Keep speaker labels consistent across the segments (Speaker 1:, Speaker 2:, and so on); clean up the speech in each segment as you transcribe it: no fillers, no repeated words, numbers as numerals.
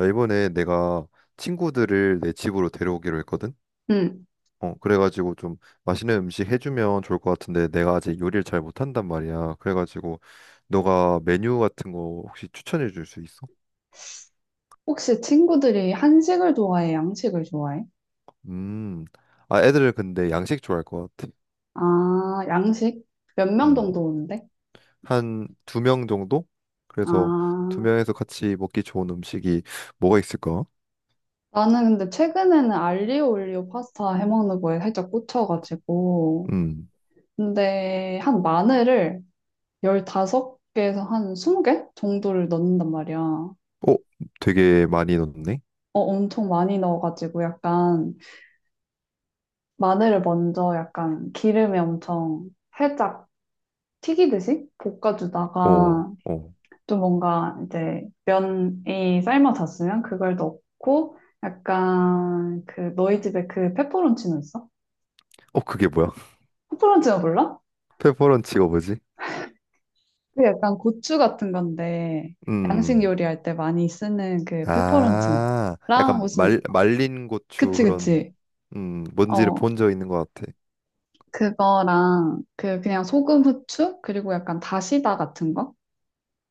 Speaker 1: 야, 이번에 내가 친구들을 내 집으로 데려오기로 했거든?
Speaker 2: 응.
Speaker 1: 그래가지고 좀 맛있는 음식 해주면 좋을 것 같은데 내가 아직 요리를 잘 못한단 말이야. 그래가지고 너가 메뉴 같은 거 혹시 추천해 줄 수 있어?
Speaker 2: 혹시 친구들이 한식을 좋아해, 양식을 좋아해?
Speaker 1: 음, 아, 애들은 근데 양식 좋아할 것 같아.
Speaker 2: 아, 양식? 몇 명
Speaker 1: 음,
Speaker 2: 정도 오는데?
Speaker 1: 한 두 명 정도? 그래서 두
Speaker 2: 아,
Speaker 1: 명에서 같이 먹기 좋은 음식이 뭐가 있을까?
Speaker 2: 나는 근데 최근에는 알리오 올리오 파스타 해먹는 거에 살짝 꽂혀가지고.
Speaker 1: 음,
Speaker 2: 근데 한 마늘을 15개에서 한 20개 정도를 넣는단 말이야.
Speaker 1: 어, 되게 많이 넣네?
Speaker 2: 엄청 많이 넣어가지고 약간 마늘을 먼저 약간 기름에 엄청 살짝 튀기듯이
Speaker 1: 어,
Speaker 2: 볶아주다가
Speaker 1: 어,
Speaker 2: 또 뭔가 이제 면이 삶아졌으면 그걸 넣고 약간 그 너희 집에 그 페퍼론치노 있어?
Speaker 1: 어, 그게 뭐야?
Speaker 2: 페퍼론치노 몰라?
Speaker 1: 페퍼런치가 뭐지?
Speaker 2: 그 약간 고추 같은 건데 양식
Speaker 1: 음
Speaker 2: 요리할 때 많이 쓰는 그
Speaker 1: 아,
Speaker 2: 페퍼론치노랑
Speaker 1: 약간 말,
Speaker 2: 무슨
Speaker 1: 말린 고추
Speaker 2: 그치
Speaker 1: 그런.
Speaker 2: 그치.
Speaker 1: 뭔지를
Speaker 2: 어,
Speaker 1: 본 적 있는 것 같아.
Speaker 2: 그거랑 그 그냥 소금 후추 그리고 약간 다시다 같은 거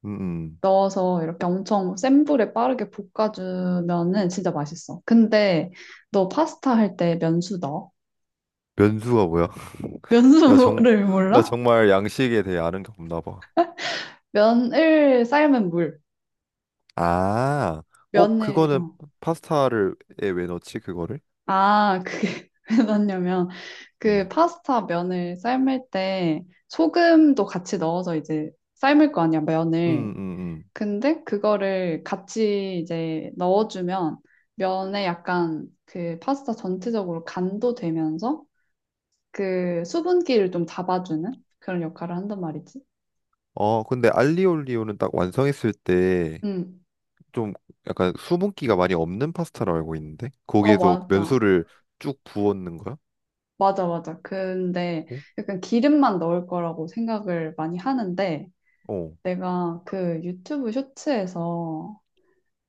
Speaker 1: 음, 음.
Speaker 2: 넣어서 이렇게 엄청 센 불에 빠르게 볶아주면은 진짜 맛있어. 근데 너 파스타 할 때 면수 넣어?
Speaker 1: 면수가 뭐야? 나 정,
Speaker 2: 면수를
Speaker 1: 나
Speaker 2: 몰라?
Speaker 1: 정말 양식에 대해 아는 게 없나 봐.
Speaker 2: 면을 삶은 물.
Speaker 1: 아,
Speaker 2: 면을,
Speaker 1: 그거는
Speaker 2: 어.
Speaker 1: 파스타를, 에왜 넣지, 그거를?
Speaker 2: 아, 그게 왜 넣냐면, 그
Speaker 1: 음,
Speaker 2: 파스타 면을 삶을 때 소금도 같이 넣어서 이제 삶을 거 아니야,
Speaker 1: 음,
Speaker 2: 면을.
Speaker 1: 음, 음.
Speaker 2: 근데 그거를 같이 이제 넣어주면 면에 약간 그 파스타 전체적으로 간도 되면서 그 수분기를 좀 잡아주는 그런 역할을 한단 말이지.
Speaker 1: 근데 알리올리오는 딱 완성했을 때
Speaker 2: 응.
Speaker 1: 좀 약간 수분기가 많이 없는 파스타로 알고 있는데?
Speaker 2: 어,
Speaker 1: 거기에서
Speaker 2: 맞아.
Speaker 1: 면수를 쭉 부었는 거야?
Speaker 2: 맞아, 맞아. 근데
Speaker 1: 어,
Speaker 2: 약간 기름만 넣을 거라고 생각을 많이 하는데
Speaker 1: 어,
Speaker 2: 내가 그 유튜브 쇼츠에서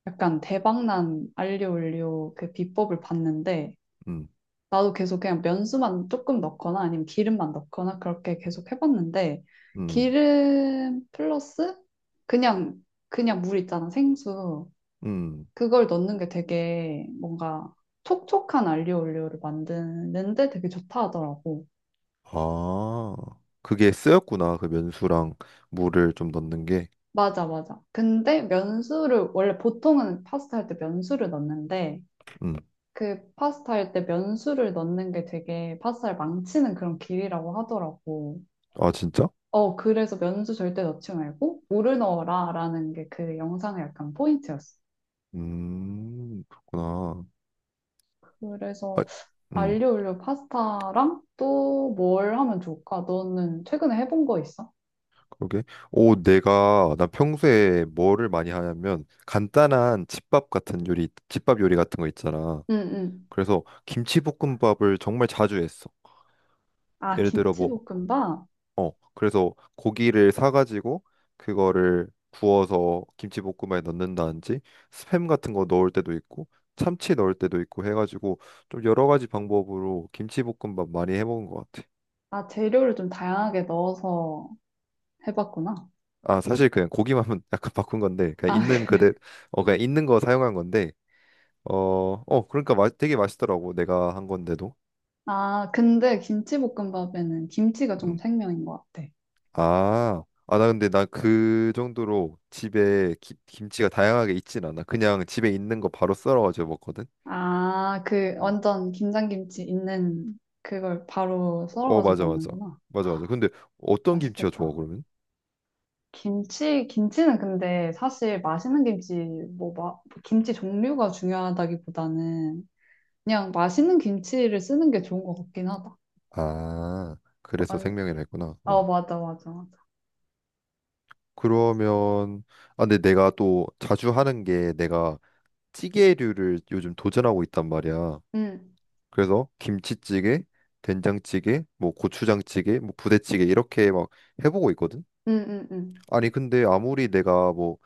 Speaker 2: 약간 대박난 알리오 올리오 그 비법을 봤는데
Speaker 1: 음,
Speaker 2: 나도 계속 그냥 면수만 조금 넣거나 아니면 기름만 넣거나 그렇게 계속 해봤는데
Speaker 1: 음,
Speaker 2: 기름 플러스 그냥 그냥 물 있잖아 생수.
Speaker 1: 음.
Speaker 2: 그걸 넣는 게 되게 뭔가 촉촉한 알리오 올리오를 만드는데 되게 좋다 하더라고.
Speaker 1: 아, 그게 쓰였구나. 그 면수랑 물을 좀 넣는 게.
Speaker 2: 맞아, 맞아. 근데 면수를, 원래 보통은 파스타 할 때 면수를 넣는데,
Speaker 1: 음.
Speaker 2: 그 파스타 할 때 면수를 넣는 게 되게 파스타를 망치는 그런 길이라고 하더라고.
Speaker 1: 아, 진짜?
Speaker 2: 어, 그래서 면수 절대 넣지 말고, 물을 넣어라 라는 게 그 영상의 약간 포인트였어.
Speaker 1: 그렇구나.
Speaker 2: 그래서
Speaker 1: 아, 음,
Speaker 2: 알리오 올리오 파스타랑 또 뭘 하면 좋을까? 너는 최근에 해본 거 있어?
Speaker 1: 그러게. 오, 나 평소에 뭐를 많이 하냐면, 간단한 집밥 같은 요리, 집밥 요리 같은 거 있잖아.
Speaker 2: 응, 응.
Speaker 1: 그래서 김치볶음밥을 정말 자주 했어.
Speaker 2: 아,
Speaker 1: 예를 들어 뭐
Speaker 2: 김치볶음밥?
Speaker 1: 그래서 고기를 사가지고 그거를 구워서 김치볶음에 넣는다든지 스팸 같은 거 넣을 때도 있고 참치 넣을 때도 있고 해가지고 좀 여러 가지 방법으로 김치볶음밥 많이 해먹은 것 같아.
Speaker 2: 아, 재료를 좀 다양하게 넣어서 해봤구나.
Speaker 1: 아, 사실 그냥 고기만 약간 바꾼 건데 그냥
Speaker 2: 아,
Speaker 1: 있는 그대 그냥 있는 거 사용한 건데 어, 그러니까 맛 되게 맛있더라고 내가 한 건데도.
Speaker 2: 아, 근데 김치볶음밥에는 김치가 좀
Speaker 1: 음.
Speaker 2: 생명인 것 같아.
Speaker 1: 아, 아, 나 근데 나 그 정도로 집에 김치가 다양하게 있진 않아. 그냥 집에 있는 거 바로 썰어가지고 먹거든.
Speaker 2: 아, 그
Speaker 1: 음.
Speaker 2: 완전 김장김치 있는 그걸 바로
Speaker 1: 어,
Speaker 2: 썰어가지고
Speaker 1: 맞아, 맞아,
Speaker 2: 넣는구나.
Speaker 1: 맞아, 맞아. 근데 어떤 김치가 좋아
Speaker 2: 맛있겠다.
Speaker 1: 그러면
Speaker 2: 김치, 김치는 근데 사실 맛있는 김치, 뭐, 김치 종류가 중요하다기보다는 그냥 맛있는 김치를 쓰는 게 좋은 것 같긴 하다.
Speaker 1: 아, 그래서
Speaker 2: 완-
Speaker 1: 생명이라 했구나.
Speaker 2: 어,
Speaker 1: 어.
Speaker 2: 맞아, 맞아, 맞아.
Speaker 1: 그러면 아, 근데 내가 또 자주 하는 게 내가 찌개류를 요즘 도전하고 있단 말이야.
Speaker 2: 응,
Speaker 1: 그래서 김치찌개, 된장찌개, 뭐 고추장찌개 뭐 부대찌개 이렇게 막 해보고 있거든.
Speaker 2: 응, 응, 응.
Speaker 1: 아니, 근데 아무리 내가 뭐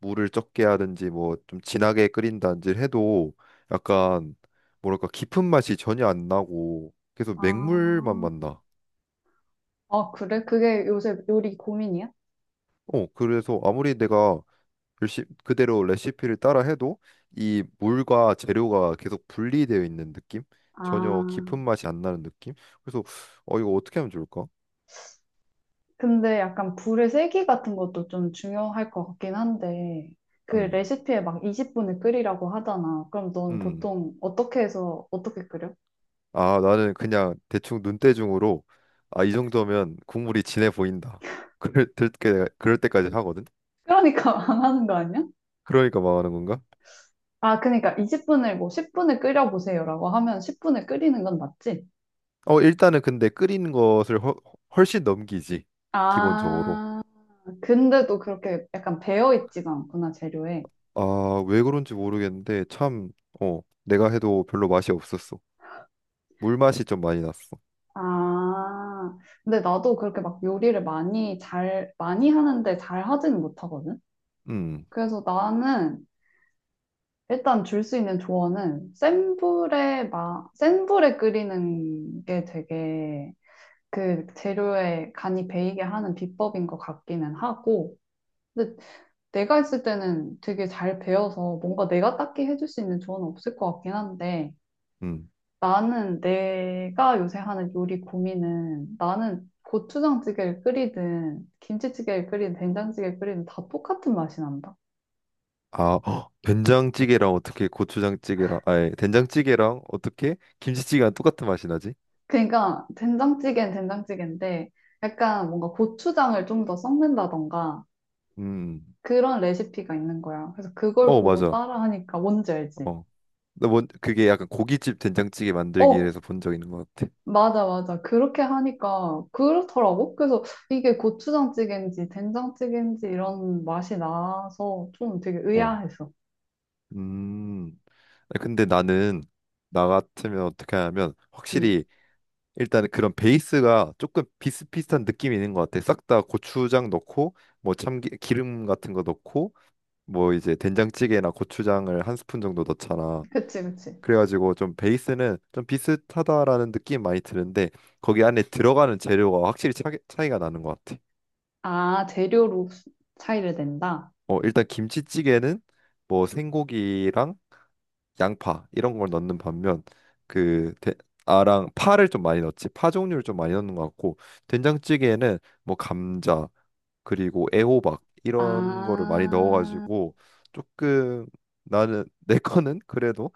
Speaker 1: 물을 적게 하든지 뭐 좀 진하게 끓인다든지 해도 약간 뭐랄까 깊은 맛이 전혀 안 나고 계속 맹물만
Speaker 2: 아,
Speaker 1: 만나.
Speaker 2: 아, 그래? 그게 요새 요리 고민이야?
Speaker 1: 그래서 아무리 내가 열심 그대로 레시피를 따라 해도 이 물과 재료가 계속 분리되어 있는 느낌? 전혀
Speaker 2: 아.
Speaker 1: 깊은 맛이 안 나는 느낌? 그래서 이거 어떻게 하면 좋을까?
Speaker 2: 근데 약간 불의 세기 같은 것도 좀 중요할 것 같긴 한데, 그
Speaker 1: 음.
Speaker 2: 레시피에 막 20분을 끓이라고 하잖아. 그럼 넌
Speaker 1: 음.
Speaker 2: 보통 어떻게 해서 어떻게 끓여?
Speaker 1: 아, 나는 그냥 대충 눈대중으로 아, 이 정도면 국물이 진해 보인다. 그럴 때 그럴 때까지 하거든.
Speaker 2: 그러니까 망하는 거 아니야?
Speaker 1: 그러니까 망하는 건가?
Speaker 2: 아, 그러니까 20분을 뭐 10분을 끓여보세요라고 하면 10분을 끓이는 건 맞지?
Speaker 1: 일단은 근데 끓이는 것을 훨씬 넘기지, 기본적으로.
Speaker 2: 아, 근데도 그렇게 약간 배어있지가 않구나, 재료에.
Speaker 1: 아, 왜 그런지 모르겠는데 참. 내가 해도 별로 맛이 없었어. 물맛이 좀 많이 났어.
Speaker 2: 아, 근데 나도 그렇게 막 요리를 많이 하는데 잘 하지는 못하거든?
Speaker 1: 음,
Speaker 2: 그래서 나는 일단 줄 수 있는 조언은 센 불에 끓이는 게 되게 그 재료에 간이 배이게 하는 비법인 것 같기는 하고, 근데 내가 했을 때는 되게 잘 배워서 뭔가 내가 딱히 해줄 수 있는 조언은 없을 것 같긴 한데,
Speaker 1: 음.
Speaker 2: 나는 내가 요새 하는 요리 고민은 나는 고추장찌개를 끓이든 김치찌개를 끓이든 된장찌개를 끓이든 다 똑같은 맛이 난다.
Speaker 1: 아, 헉, 된장찌개랑 어떻게 고추장찌개랑, 아니, 된장찌개랑 어떻게 김치찌개랑 똑같은 맛이 나지?
Speaker 2: 그러니까 된장찌개는 된장찌개인데 약간 뭔가 고추장을 좀 더 섞는다던가
Speaker 1: 음, 음.
Speaker 2: 그런 레시피가 있는 거야. 그래서 그걸
Speaker 1: 어,
Speaker 2: 보고
Speaker 1: 맞아.
Speaker 2: 따라하니까 뭔지 알지?
Speaker 1: 어, 그게 약간 고깃집 된장찌개
Speaker 2: 어,
Speaker 1: 만들기에서 본 적 있는 것 같아.
Speaker 2: 맞아, 맞아. 그렇게 하니까 그렇더라고. 그래서 이게 고추장찌개인지 된장찌개인지 이런 맛이 나서 좀 되게
Speaker 1: 어,
Speaker 2: 의아했어.
Speaker 1: 음. 근데 나는 나 같으면 어떻게 하냐면
Speaker 2: 응,
Speaker 1: 확실히 일단 그런 베이스가 조금 비슷비슷한 느낌이 있는 것 같아. 싹 다 고추장 넣고 뭐 참기 기름 같은 거 넣고 뭐 이제 된장찌개나 고추장을 한 스푼 정도 넣잖아.
Speaker 2: 그치, 그치.
Speaker 1: 그래가지고 좀 베이스는 좀 비슷하다라는 느낌 많이 드는데 거기 안에 들어가는 재료가 확실히 차이가 나는 것 같아.
Speaker 2: 아, 재료로 차이를 낸다?
Speaker 1: 일단 김치찌개는 뭐 생고기랑 양파 이런 걸 넣는 반면 그 대- 아랑 파를 좀 많이 넣지, 파 종류를 좀 많이 넣는 것 같고 된장찌개에는 뭐 감자 그리고 애호박 이런 거를 많이
Speaker 2: 아.
Speaker 1: 넣어가지고 조금 나는 내 거는 그래도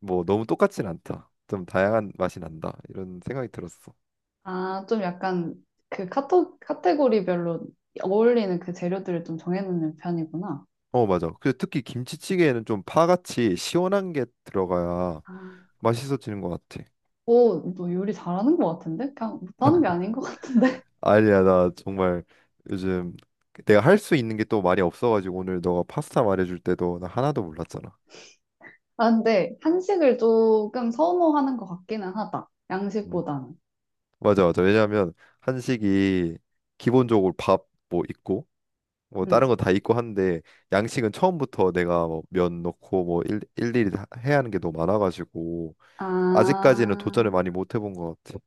Speaker 1: 뭐 너무 똑같진 않다, 좀 다양한 맛이 난다 이런 생각이 들었어.
Speaker 2: 아, 좀 약간 그 카테고리별로 어울리는 그 재료들을 좀 정해놓는 편이구나.
Speaker 1: 어, 맞아. 그 특히 김치찌개에는 좀 파같이 시원한 게 들어가야
Speaker 2: 아.
Speaker 1: 맛있어지는 것 같아.
Speaker 2: 오, 너 요리 잘하는 것 같은데? 그냥 못하는 게 아닌 것 같은데?
Speaker 1: 아니야, 나 정말 요즘 내가 할 수 있는 게 또 많이 없어가지고 오늘 너가 파스타 말해줄 때도 나 하나도 몰랐잖아.
Speaker 2: 아, 근데 한식을 조금 선호하는 것 같기는 하다.
Speaker 1: 음.
Speaker 2: 양식보다는.
Speaker 1: 맞아, 맞아. 왜냐하면 한식이 기본적으로 밥 뭐 있고 뭐 다른
Speaker 2: 음.
Speaker 1: 거 다 있고 한데 양식은 처음부터 내가 뭐 면 넣고 뭐 일일이 다 해야 하는 게 너무 많아가지고
Speaker 2: 아,
Speaker 1: 아직까지는 도전을 많이 못 해본 것 같아.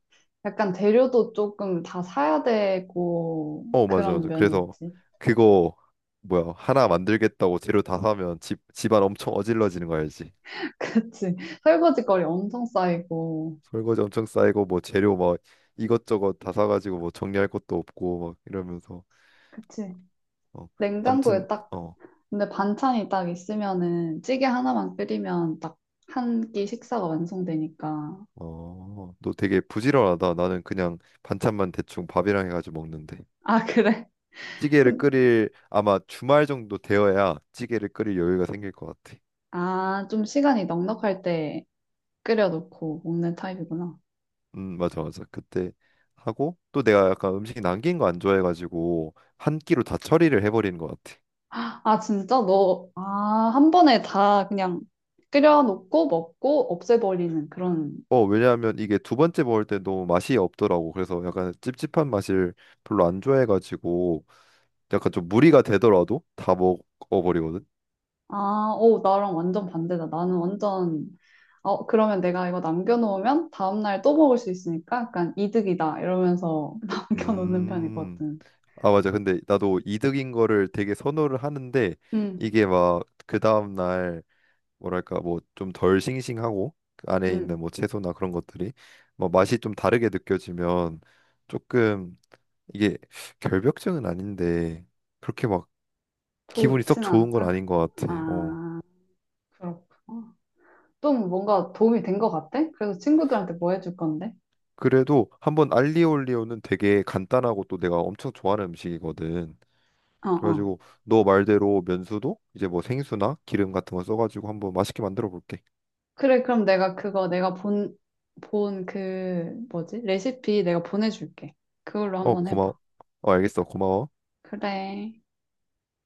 Speaker 2: 약간 재료도 조금 다 사야 되고
Speaker 1: 어, 맞아,
Speaker 2: 그런
Speaker 1: 맞아.
Speaker 2: 면이
Speaker 1: 그래서
Speaker 2: 있지.
Speaker 1: 그거 뭐야, 하나 만들겠다고 재료 다 사면 집 집안 엄청 어질러지는 거 알지?
Speaker 2: 그치. 설거지거리 엄청 쌓이고.
Speaker 1: 설거지 엄청 쌓이고 뭐 재료 막 이것저것 다 사가지고 뭐 정리할 것도 없고 막 이러면서
Speaker 2: 그치.
Speaker 1: 어 아무튼.
Speaker 2: 냉장고에 딱. 근데 반찬이 딱 있으면은 찌개 하나만 끓이면 딱 한 끼 식사가 완성되니까.
Speaker 1: 어어너 되게 부지런하다. 나는 그냥 반찬만 대충 밥이랑 해가지고 먹는데
Speaker 2: 아, 그래?
Speaker 1: 찌개를
Speaker 2: 그,
Speaker 1: 끓일 아마 주말 정도 되어야 찌개를 끓일 여유가 생길 것 같아.
Speaker 2: 아, 좀 시간이 넉넉할 때 끓여놓고 먹는 타입이구나.
Speaker 1: 맞아, 맞아. 그때 하고 또 내가 약간 음식 남긴 거 안 좋아해가지고 한 끼로 다 처리를 해버리는 것 같아.
Speaker 2: 아, 진짜 너, 아, 한 번에 다 그냥 끓여놓고 먹고 없애버리는 그런.
Speaker 1: 어, 왜냐하면 이게 두 번째 먹을 때 너무 맛이 없더라고. 그래서 약간 찝찝한 맛을 별로 안 좋아해가지고 약간 좀 무리가 되더라도 다 먹어버리거든.
Speaker 2: 아, 오, 나랑 완전 반대다. 나는 완전, 어, 그러면 내가 이거 남겨놓으면 다음날 또 먹을 수 있으니까 약간 이득이다. 이러면서 남겨놓는
Speaker 1: 음.
Speaker 2: 편이거든.
Speaker 1: 아, 맞아. 근데 나도 이득인 거를 되게 선호를 하는데
Speaker 2: 음.
Speaker 1: 이게 막 그 다음 날 뭐랄까 뭐 좀 덜 싱싱하고 그 안에 있는
Speaker 2: 음,
Speaker 1: 뭐 채소나 그런 것들이 뭐 맛이 좀 다르게 느껴지면 조금 이게 결벽증은 아닌데 그렇게 막 기분이 썩
Speaker 2: 좋진
Speaker 1: 좋은 건
Speaker 2: 않다.
Speaker 1: 아닌 것 같아. 어.
Speaker 2: 아, 그렇구나. 좀 뭔가 도움이 된 것 같아? 그래서 친구들한테 뭐 해줄 건데?
Speaker 1: 그래도 한번 알리올리오는 되게 간단하고 또 내가 엄청 좋아하는 음식이거든.
Speaker 2: 어, 어.
Speaker 1: 그래가지고 너 말대로 면수도 이제 뭐 생수나 기름 같은 거 써가지고 한번 맛있게 만들어 볼게.
Speaker 2: 그래, 그럼 내가 본 그, 뭐지? 레시피 내가 보내줄게. 그걸로
Speaker 1: 어,
Speaker 2: 한번
Speaker 1: 고마워.
Speaker 2: 해봐.
Speaker 1: 어, 알겠어. 고마워.
Speaker 2: 그래.